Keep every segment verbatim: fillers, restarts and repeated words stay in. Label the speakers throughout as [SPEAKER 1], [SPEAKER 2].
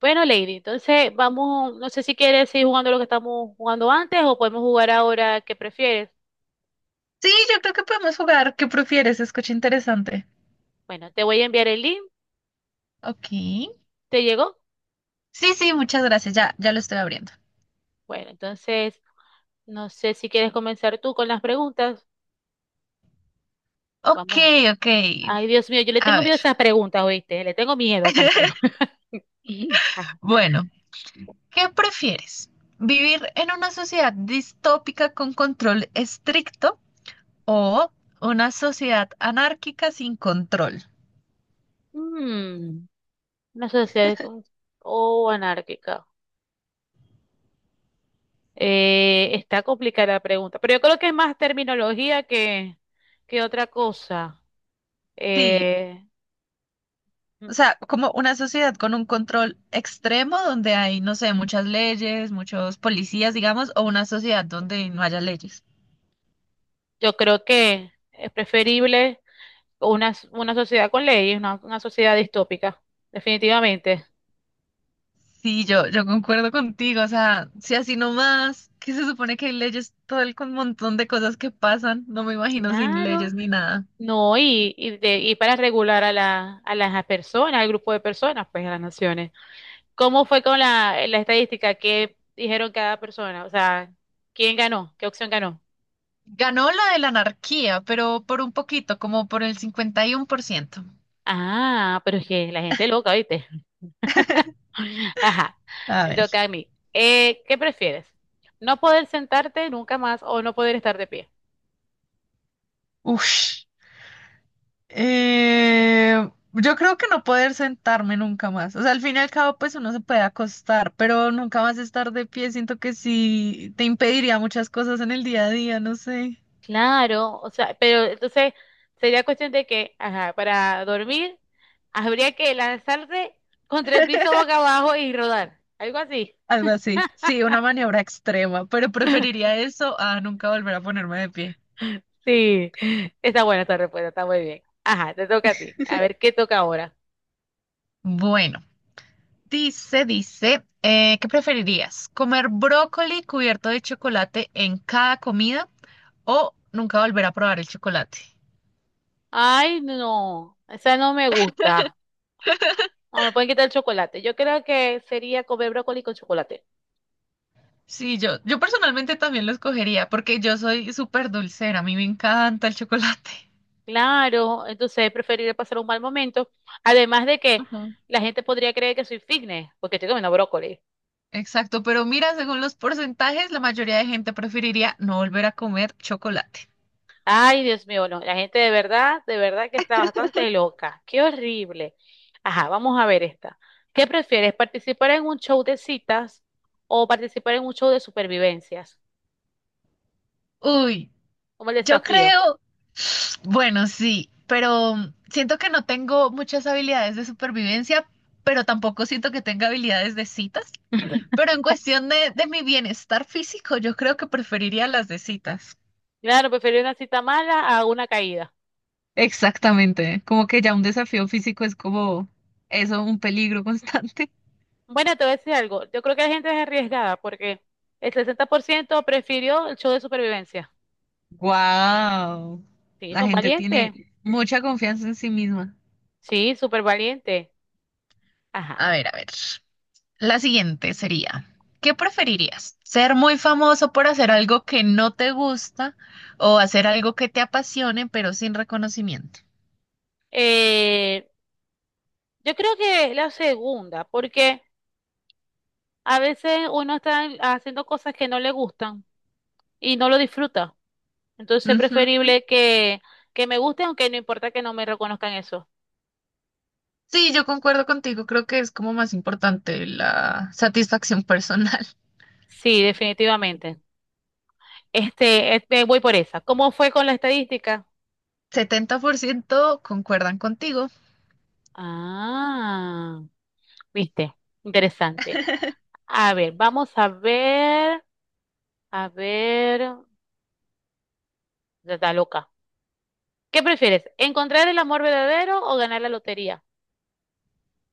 [SPEAKER 1] Bueno, Lady, entonces vamos, no sé si quieres seguir jugando lo que estamos jugando antes o podemos jugar ahora que prefieres.
[SPEAKER 2] Sí, yo creo que podemos jugar. ¿Qué prefieres? Escucha interesante.
[SPEAKER 1] Bueno, te voy a enviar el link,
[SPEAKER 2] Ok.
[SPEAKER 1] ¿te llegó?
[SPEAKER 2] Sí, sí, muchas gracias. Ya, ya lo estoy abriendo.
[SPEAKER 1] Bueno, entonces no sé si quieres comenzar tú con las preguntas.
[SPEAKER 2] Ok,
[SPEAKER 1] Vamos.
[SPEAKER 2] ok.
[SPEAKER 1] Ay, Dios mío, yo le
[SPEAKER 2] A
[SPEAKER 1] tengo
[SPEAKER 2] ver.
[SPEAKER 1] miedo a esas preguntas, ¿oíste? Le tengo miedo a esas preguntas. Ah.
[SPEAKER 2] Bueno, ¿qué prefieres? ¿Vivir en una sociedad distópica con control estricto o una sociedad anárquica sin control?
[SPEAKER 1] Mm, una sociedad con- o anárquica. Eh, está complicada la pregunta, pero yo creo que es más terminología que, que otra cosa.
[SPEAKER 2] Sí,
[SPEAKER 1] Eh,
[SPEAKER 2] o sea, como una sociedad con un control extremo donde hay, no sé, muchas leyes, muchos policías, digamos, o una sociedad donde no haya leyes.
[SPEAKER 1] Yo creo que es preferible una, s- una sociedad con leyes, una, una sociedad distópica, definitivamente.
[SPEAKER 2] Sí, yo, yo concuerdo contigo, o sea, si así nomás, que se supone que hay leyes, todo el con montón de cosas que pasan, no me imagino sin
[SPEAKER 1] Claro,
[SPEAKER 2] leyes ni nada.
[SPEAKER 1] no, y, y, de- y para regular a, la, a las personas, al grupo de personas, pues a las naciones. ¿Cómo fue con la, la estadística? ¿Qué dijeron cada persona? O sea, ¿quién ganó? ¿Qué opción ganó?
[SPEAKER 2] Ganó la de la anarquía, pero por un poquito, como por el cincuenta y uno por ciento.
[SPEAKER 1] Ah, pero es que la gente es loca, ¿viste? Ajá,
[SPEAKER 2] A
[SPEAKER 1] me
[SPEAKER 2] ver.
[SPEAKER 1] toca a mí. Eh, ¿qué prefieres? ¿No poder sentarte nunca más o no poder estar de pie?
[SPEAKER 2] Ush. Eh, yo creo que no poder sentarme nunca más. O sea, al fin y al cabo, pues uno se puede acostar, pero nunca más estar de pie. Siento que sí te impediría muchas cosas en el día a día, no sé.
[SPEAKER 1] Claro, o sea, pero entonces sería cuestión de que, ajá, para dormir habría que lanzarse contra el piso boca abajo y rodar, algo así.
[SPEAKER 2] Algo así. Sí, una maniobra extrema, pero preferiría eso a nunca volver a ponerme de pie.
[SPEAKER 1] Sí, está buena esta respuesta, está muy bien. Ajá, te toca a ti. A ver, ¿qué toca ahora?
[SPEAKER 2] Bueno, dice, dice, eh, ¿qué preferirías? ¿Comer brócoli cubierto de chocolate en cada comida o nunca volver a probar el chocolate?
[SPEAKER 1] Ay, no, esa no me gusta. No, me pueden quitar el chocolate. Yo creo que sería comer brócoli con chocolate.
[SPEAKER 2] Sí, yo, yo personalmente también lo escogería porque yo soy súper dulcera, a mí me encanta el chocolate.
[SPEAKER 1] Claro, entonces preferiría pasar un mal momento. Además de que
[SPEAKER 2] Ajá.
[SPEAKER 1] la gente podría creer que soy fitness porque estoy comiendo brócoli.
[SPEAKER 2] Exacto, pero mira, según los porcentajes, la mayoría de gente preferiría no volver a comer chocolate.
[SPEAKER 1] Ay, Dios mío, no, la gente de verdad, de verdad que está bastante loca. Qué horrible. Ajá, vamos a ver esta. ¿Qué prefieres, participar en un show de citas o participar en un show de supervivencias?
[SPEAKER 2] Uy,
[SPEAKER 1] Como el
[SPEAKER 2] yo
[SPEAKER 1] desafío.
[SPEAKER 2] creo, bueno, sí, pero siento que no tengo muchas habilidades de supervivencia, pero tampoco siento que tenga habilidades de citas. Pero en cuestión de, de mi bienestar físico, yo creo que preferiría las de citas.
[SPEAKER 1] Claro, prefiero una cita mala a una caída.
[SPEAKER 2] Exactamente, como que ya un desafío físico es como eso, un peligro constante.
[SPEAKER 1] Bueno, te voy a decir algo. Yo creo que la gente es arriesgada porque el sesenta por ciento prefirió el show de supervivencia.
[SPEAKER 2] Wow,
[SPEAKER 1] Sí,
[SPEAKER 2] la
[SPEAKER 1] son
[SPEAKER 2] gente
[SPEAKER 1] valientes.
[SPEAKER 2] tiene mucha confianza en sí misma.
[SPEAKER 1] Sí, súper valientes. Ajá.
[SPEAKER 2] A ver, a ver. La siguiente sería, ¿qué preferirías? ¿Ser muy famoso por hacer algo que no te gusta o hacer algo que te apasione pero sin reconocimiento?
[SPEAKER 1] Eh, yo creo que la segunda, porque a veces uno está haciendo cosas que no le gustan y no lo disfruta. Entonces es
[SPEAKER 2] Ujú.
[SPEAKER 1] preferible que, que me guste, aunque no importa que no me reconozcan eso.
[SPEAKER 2] Sí, yo concuerdo contigo, creo que es como más importante la satisfacción personal.
[SPEAKER 1] Sí, definitivamente. Este, este, voy por esa. ¿Cómo fue con la estadística?
[SPEAKER 2] Setenta por ciento concuerdan contigo.
[SPEAKER 1] Ah, viste, interesante. A ver, vamos a ver, a ver, ya está loca. ¿Qué prefieres? ¿Encontrar el amor verdadero o ganar la lotería?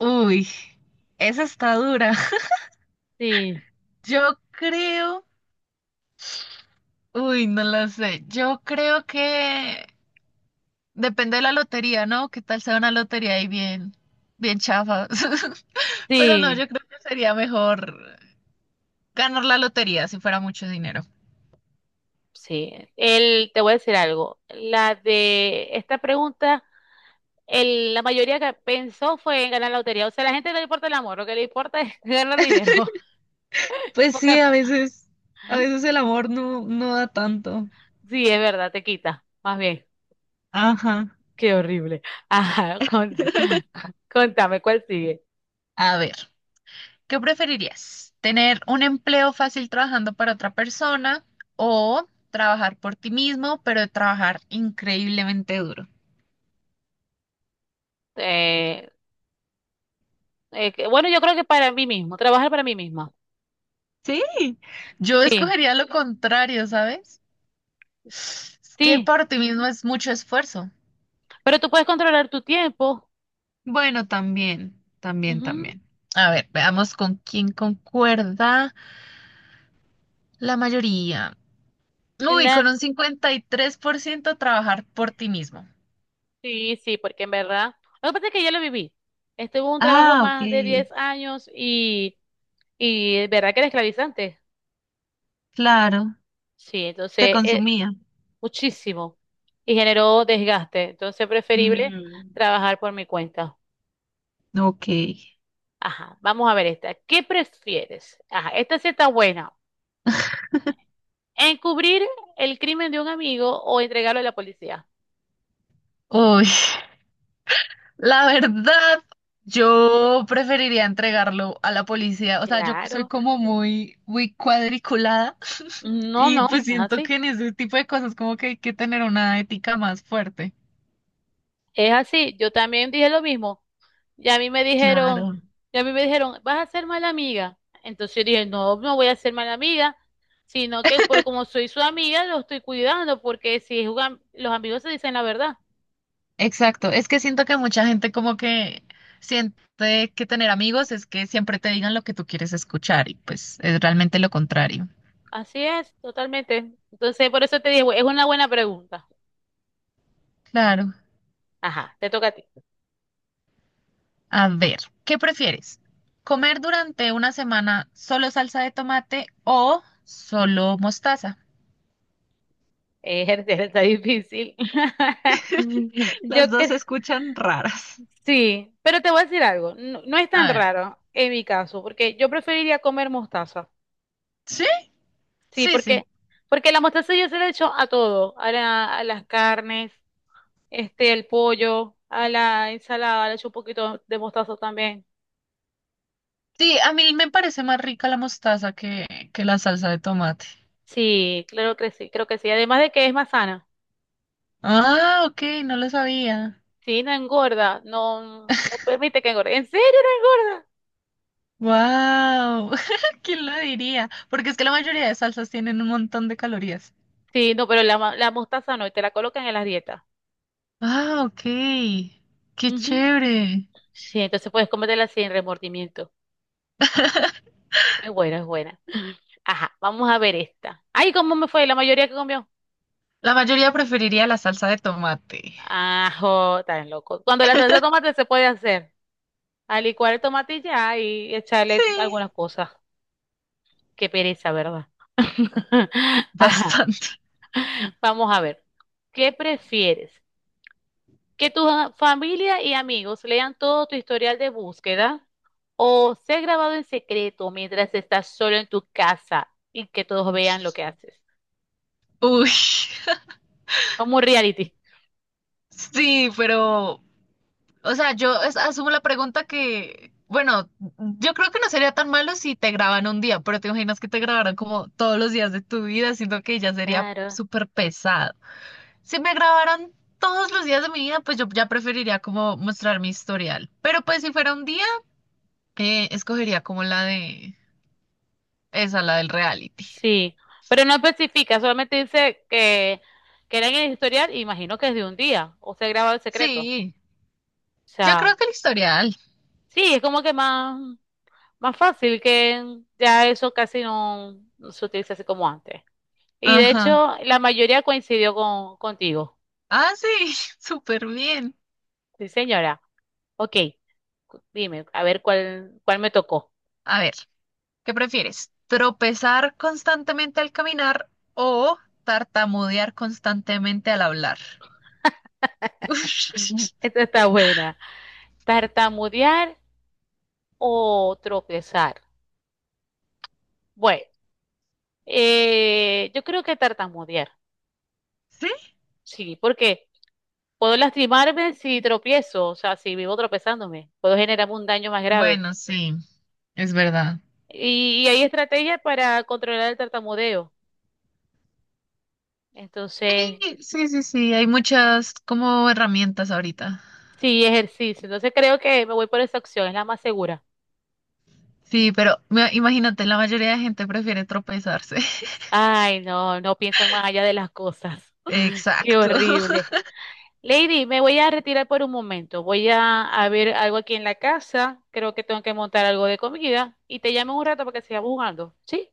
[SPEAKER 2] Uy, esa está dura.
[SPEAKER 1] Sí,
[SPEAKER 2] Yo creo, uy, no lo sé, yo creo que depende de la lotería, ¿no? ¿Qué tal sea una lotería ahí bien, bien chafa? Pero no,
[SPEAKER 1] sí,
[SPEAKER 2] yo creo que sería mejor ganar la lotería si fuera mucho dinero.
[SPEAKER 1] sí, el, te voy a decir algo. La de esta pregunta, el, la mayoría que pensó fue en ganar la lotería. O sea, a la gente no le importa el amor, lo que le importa es ganar dinero.
[SPEAKER 2] Pues
[SPEAKER 1] Porque-
[SPEAKER 2] sí, a veces, a veces el amor no, no da tanto.
[SPEAKER 1] sí, es verdad, te quita. Más bien,
[SPEAKER 2] Ajá.
[SPEAKER 1] qué horrible. Ajá, con- contame, ¿cuál sigue?
[SPEAKER 2] A ver, ¿qué preferirías? ¿Tener un empleo fácil trabajando para otra persona o trabajar por ti mismo, pero trabajar increíblemente duro?
[SPEAKER 1] Eh, eh, que- bueno, yo creo que para mí mismo, trabajar para mí misma.
[SPEAKER 2] Sí, yo
[SPEAKER 1] Sí,
[SPEAKER 2] escogería lo contrario, ¿sabes? Es que
[SPEAKER 1] sí,
[SPEAKER 2] para ti mismo es mucho esfuerzo.
[SPEAKER 1] pero tú puedes controlar tu tiempo.
[SPEAKER 2] Bueno, también, también,
[SPEAKER 1] Ujú,
[SPEAKER 2] también. A ver, veamos con quién concuerda la mayoría. Uy, con un cincuenta y tres por ciento trabajar por ti mismo.
[SPEAKER 1] sí, sí, porque en verdad, lo que pasa es que ya lo viví. Estuve en un trabajo
[SPEAKER 2] Ah, ok.
[SPEAKER 1] más de diez años y, y es verdad que era esclavizante.
[SPEAKER 2] Claro,
[SPEAKER 1] Sí,
[SPEAKER 2] te
[SPEAKER 1] entonces, eh,
[SPEAKER 2] consumía.
[SPEAKER 1] muchísimo. Y generó desgaste. Entonces, preferible
[SPEAKER 2] Mm,
[SPEAKER 1] trabajar por mi cuenta.
[SPEAKER 2] ok.
[SPEAKER 1] Ajá, vamos a ver esta. ¿Qué prefieres? Ajá, esta sí está buena. ¿Encubrir el crimen de un amigo o entregarlo a la policía?
[SPEAKER 2] Uy, la verdad, yo preferiría entregarlo a la policía. O sea, yo soy
[SPEAKER 1] Claro.
[SPEAKER 2] como muy, muy cuadriculada
[SPEAKER 1] No,
[SPEAKER 2] y
[SPEAKER 1] no,
[SPEAKER 2] pues
[SPEAKER 1] es
[SPEAKER 2] siento
[SPEAKER 1] así.
[SPEAKER 2] que en ese tipo de cosas como que hay que tener una ética más fuerte.
[SPEAKER 1] Es así, yo también dije lo mismo. Y a mí me dijeron,
[SPEAKER 2] Claro,
[SPEAKER 1] y a mí me dijeron, vas a ser mala amiga. Entonces yo dije, no, no voy a ser mala amiga, sino que por como soy su amiga, lo estoy cuidando, porque si juegan, los amigos se dicen la verdad.
[SPEAKER 2] exacto. Es que siento que mucha gente como que siente que tener amigos es que siempre te digan lo que tú quieres escuchar y pues es realmente lo contrario.
[SPEAKER 1] Así es, totalmente. Entonces, por eso te dije, es una buena pregunta.
[SPEAKER 2] Claro.
[SPEAKER 1] Ajá, te toca a ti.
[SPEAKER 2] A ver, ¿qué prefieres? ¿Comer durante una semana solo salsa de tomate o solo mostaza?
[SPEAKER 1] Eh, está difícil. Yo
[SPEAKER 2] Las dos
[SPEAKER 1] que
[SPEAKER 2] se escuchan raras.
[SPEAKER 1] sí, pero te voy a decir algo, no, no es tan
[SPEAKER 2] A ver,
[SPEAKER 1] raro en mi caso, porque yo preferiría comer mostaza.
[SPEAKER 2] ¿sí?
[SPEAKER 1] Sí,
[SPEAKER 2] Sí, sí.
[SPEAKER 1] porque, porque la mostaza yo se la echo a todo, a, la- a las carnes, este, el pollo, a la ensalada, le echo un poquito de mostaza también.
[SPEAKER 2] Sí, a mí me parece más rica la mostaza que, que la salsa de tomate.
[SPEAKER 1] Sí, claro que sí, creo que sí. Además de que es más sana.
[SPEAKER 2] Ah, ok, no lo sabía.
[SPEAKER 1] Sí, no engorda, no, no permite que engorde. ¿En serio no engorda?
[SPEAKER 2] Wow, ¿quién lo diría? Porque es que la mayoría de salsas tienen un montón de calorías.
[SPEAKER 1] Sí, no, pero la, ma- la mostaza no, y te la colocan en las dietas.
[SPEAKER 2] Ah, ok, qué
[SPEAKER 1] Ujú.
[SPEAKER 2] chévere.
[SPEAKER 1] Sí, entonces puedes comértela sin remordimiento. Es buena, es buena. Ajá, vamos a ver esta. Ay, ¿cómo me fue? La mayoría que comió.
[SPEAKER 2] La mayoría preferiría la salsa de tomate.
[SPEAKER 1] Ajo, tan loco. Cuando la salsa de tomate se puede hacer, a licuar el tomate y ya y
[SPEAKER 2] Sí,
[SPEAKER 1] echarle algunas cosas. Qué pereza, ¿verdad? Ajá.
[SPEAKER 2] bastante.
[SPEAKER 1] Vamos a ver. ¿Qué prefieres? ¿Que tu a- familia y amigos lean todo tu historial de búsqueda o ser grabado en secreto mientras estás solo en tu casa y que todos vean lo que haces?
[SPEAKER 2] Uy,
[SPEAKER 1] Como un reality.
[SPEAKER 2] sí, pero, o sea, yo es- asumo la pregunta que, bueno, yo creo que no sería tan malo si te graban un día, pero te imaginas que te grabaran como todos los días de tu vida, siento que ya sería
[SPEAKER 1] Claro.
[SPEAKER 2] súper pesado. Si me grabaran todos los días de mi vida, pues yo ya preferiría como mostrar mi historial. Pero pues si fuera un día, eh, escogería como la de esa, la del reality.
[SPEAKER 1] Sí, pero no especifica, solamente dice que, que era en el historial, imagino que es de un día, o se graba el secreto.
[SPEAKER 2] Sí,
[SPEAKER 1] O
[SPEAKER 2] yo
[SPEAKER 1] sea,
[SPEAKER 2] creo que el historial.
[SPEAKER 1] sí, es como que más, más fácil que ya eso casi no, no se utiliza así como antes. Y de
[SPEAKER 2] Ajá.
[SPEAKER 1] hecho, la mayoría coincidió con, contigo.
[SPEAKER 2] Ah, sí, súper bien.
[SPEAKER 1] Sí, señora. Ok, cu- dime, a ver cuál, cuál me tocó.
[SPEAKER 2] A ver, ¿qué prefieres? ¿Tropezar constantemente al caminar o tartamudear constantemente al hablar?
[SPEAKER 1] Esta está buena. ¿Tartamudear o tropezar? Bueno, eh, yo creo que tartamudear.
[SPEAKER 2] ¿Sí?
[SPEAKER 1] Sí, porque puedo lastimarme si tropiezo, o sea, si vivo tropezándome, puedo generarme un daño más grave.
[SPEAKER 2] Bueno, sí, es verdad.
[SPEAKER 1] Y, y hay estrategias para controlar el tartamudeo. Entonces,
[SPEAKER 2] Sí, sí, sí, sí, hay muchas como herramientas ahorita.
[SPEAKER 1] sí, ejercicio. Entonces creo que me voy por esa opción, es la más segura.
[SPEAKER 2] Sí, pero me- imagínate, la mayoría de gente prefiere tropezarse.
[SPEAKER 1] Ay, no, no piensan más allá de las cosas. Qué
[SPEAKER 2] Exacto.
[SPEAKER 1] horrible. Lady, me voy a retirar por un momento. Voy a, a ver algo aquí en la casa. Creo que tengo que montar algo de comida. Y te llamo en un rato para que sigamos jugando. ¿Sí?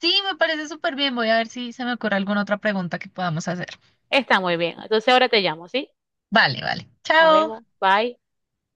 [SPEAKER 2] Sí, me parece súper bien. Voy a ver si se me ocurre alguna otra pregunta que podamos hacer.
[SPEAKER 1] Está muy bien. Entonces ahora te llamo, ¿sí?
[SPEAKER 2] Vale, vale.
[SPEAKER 1] Nos vemos.
[SPEAKER 2] Chao.
[SPEAKER 1] Bye.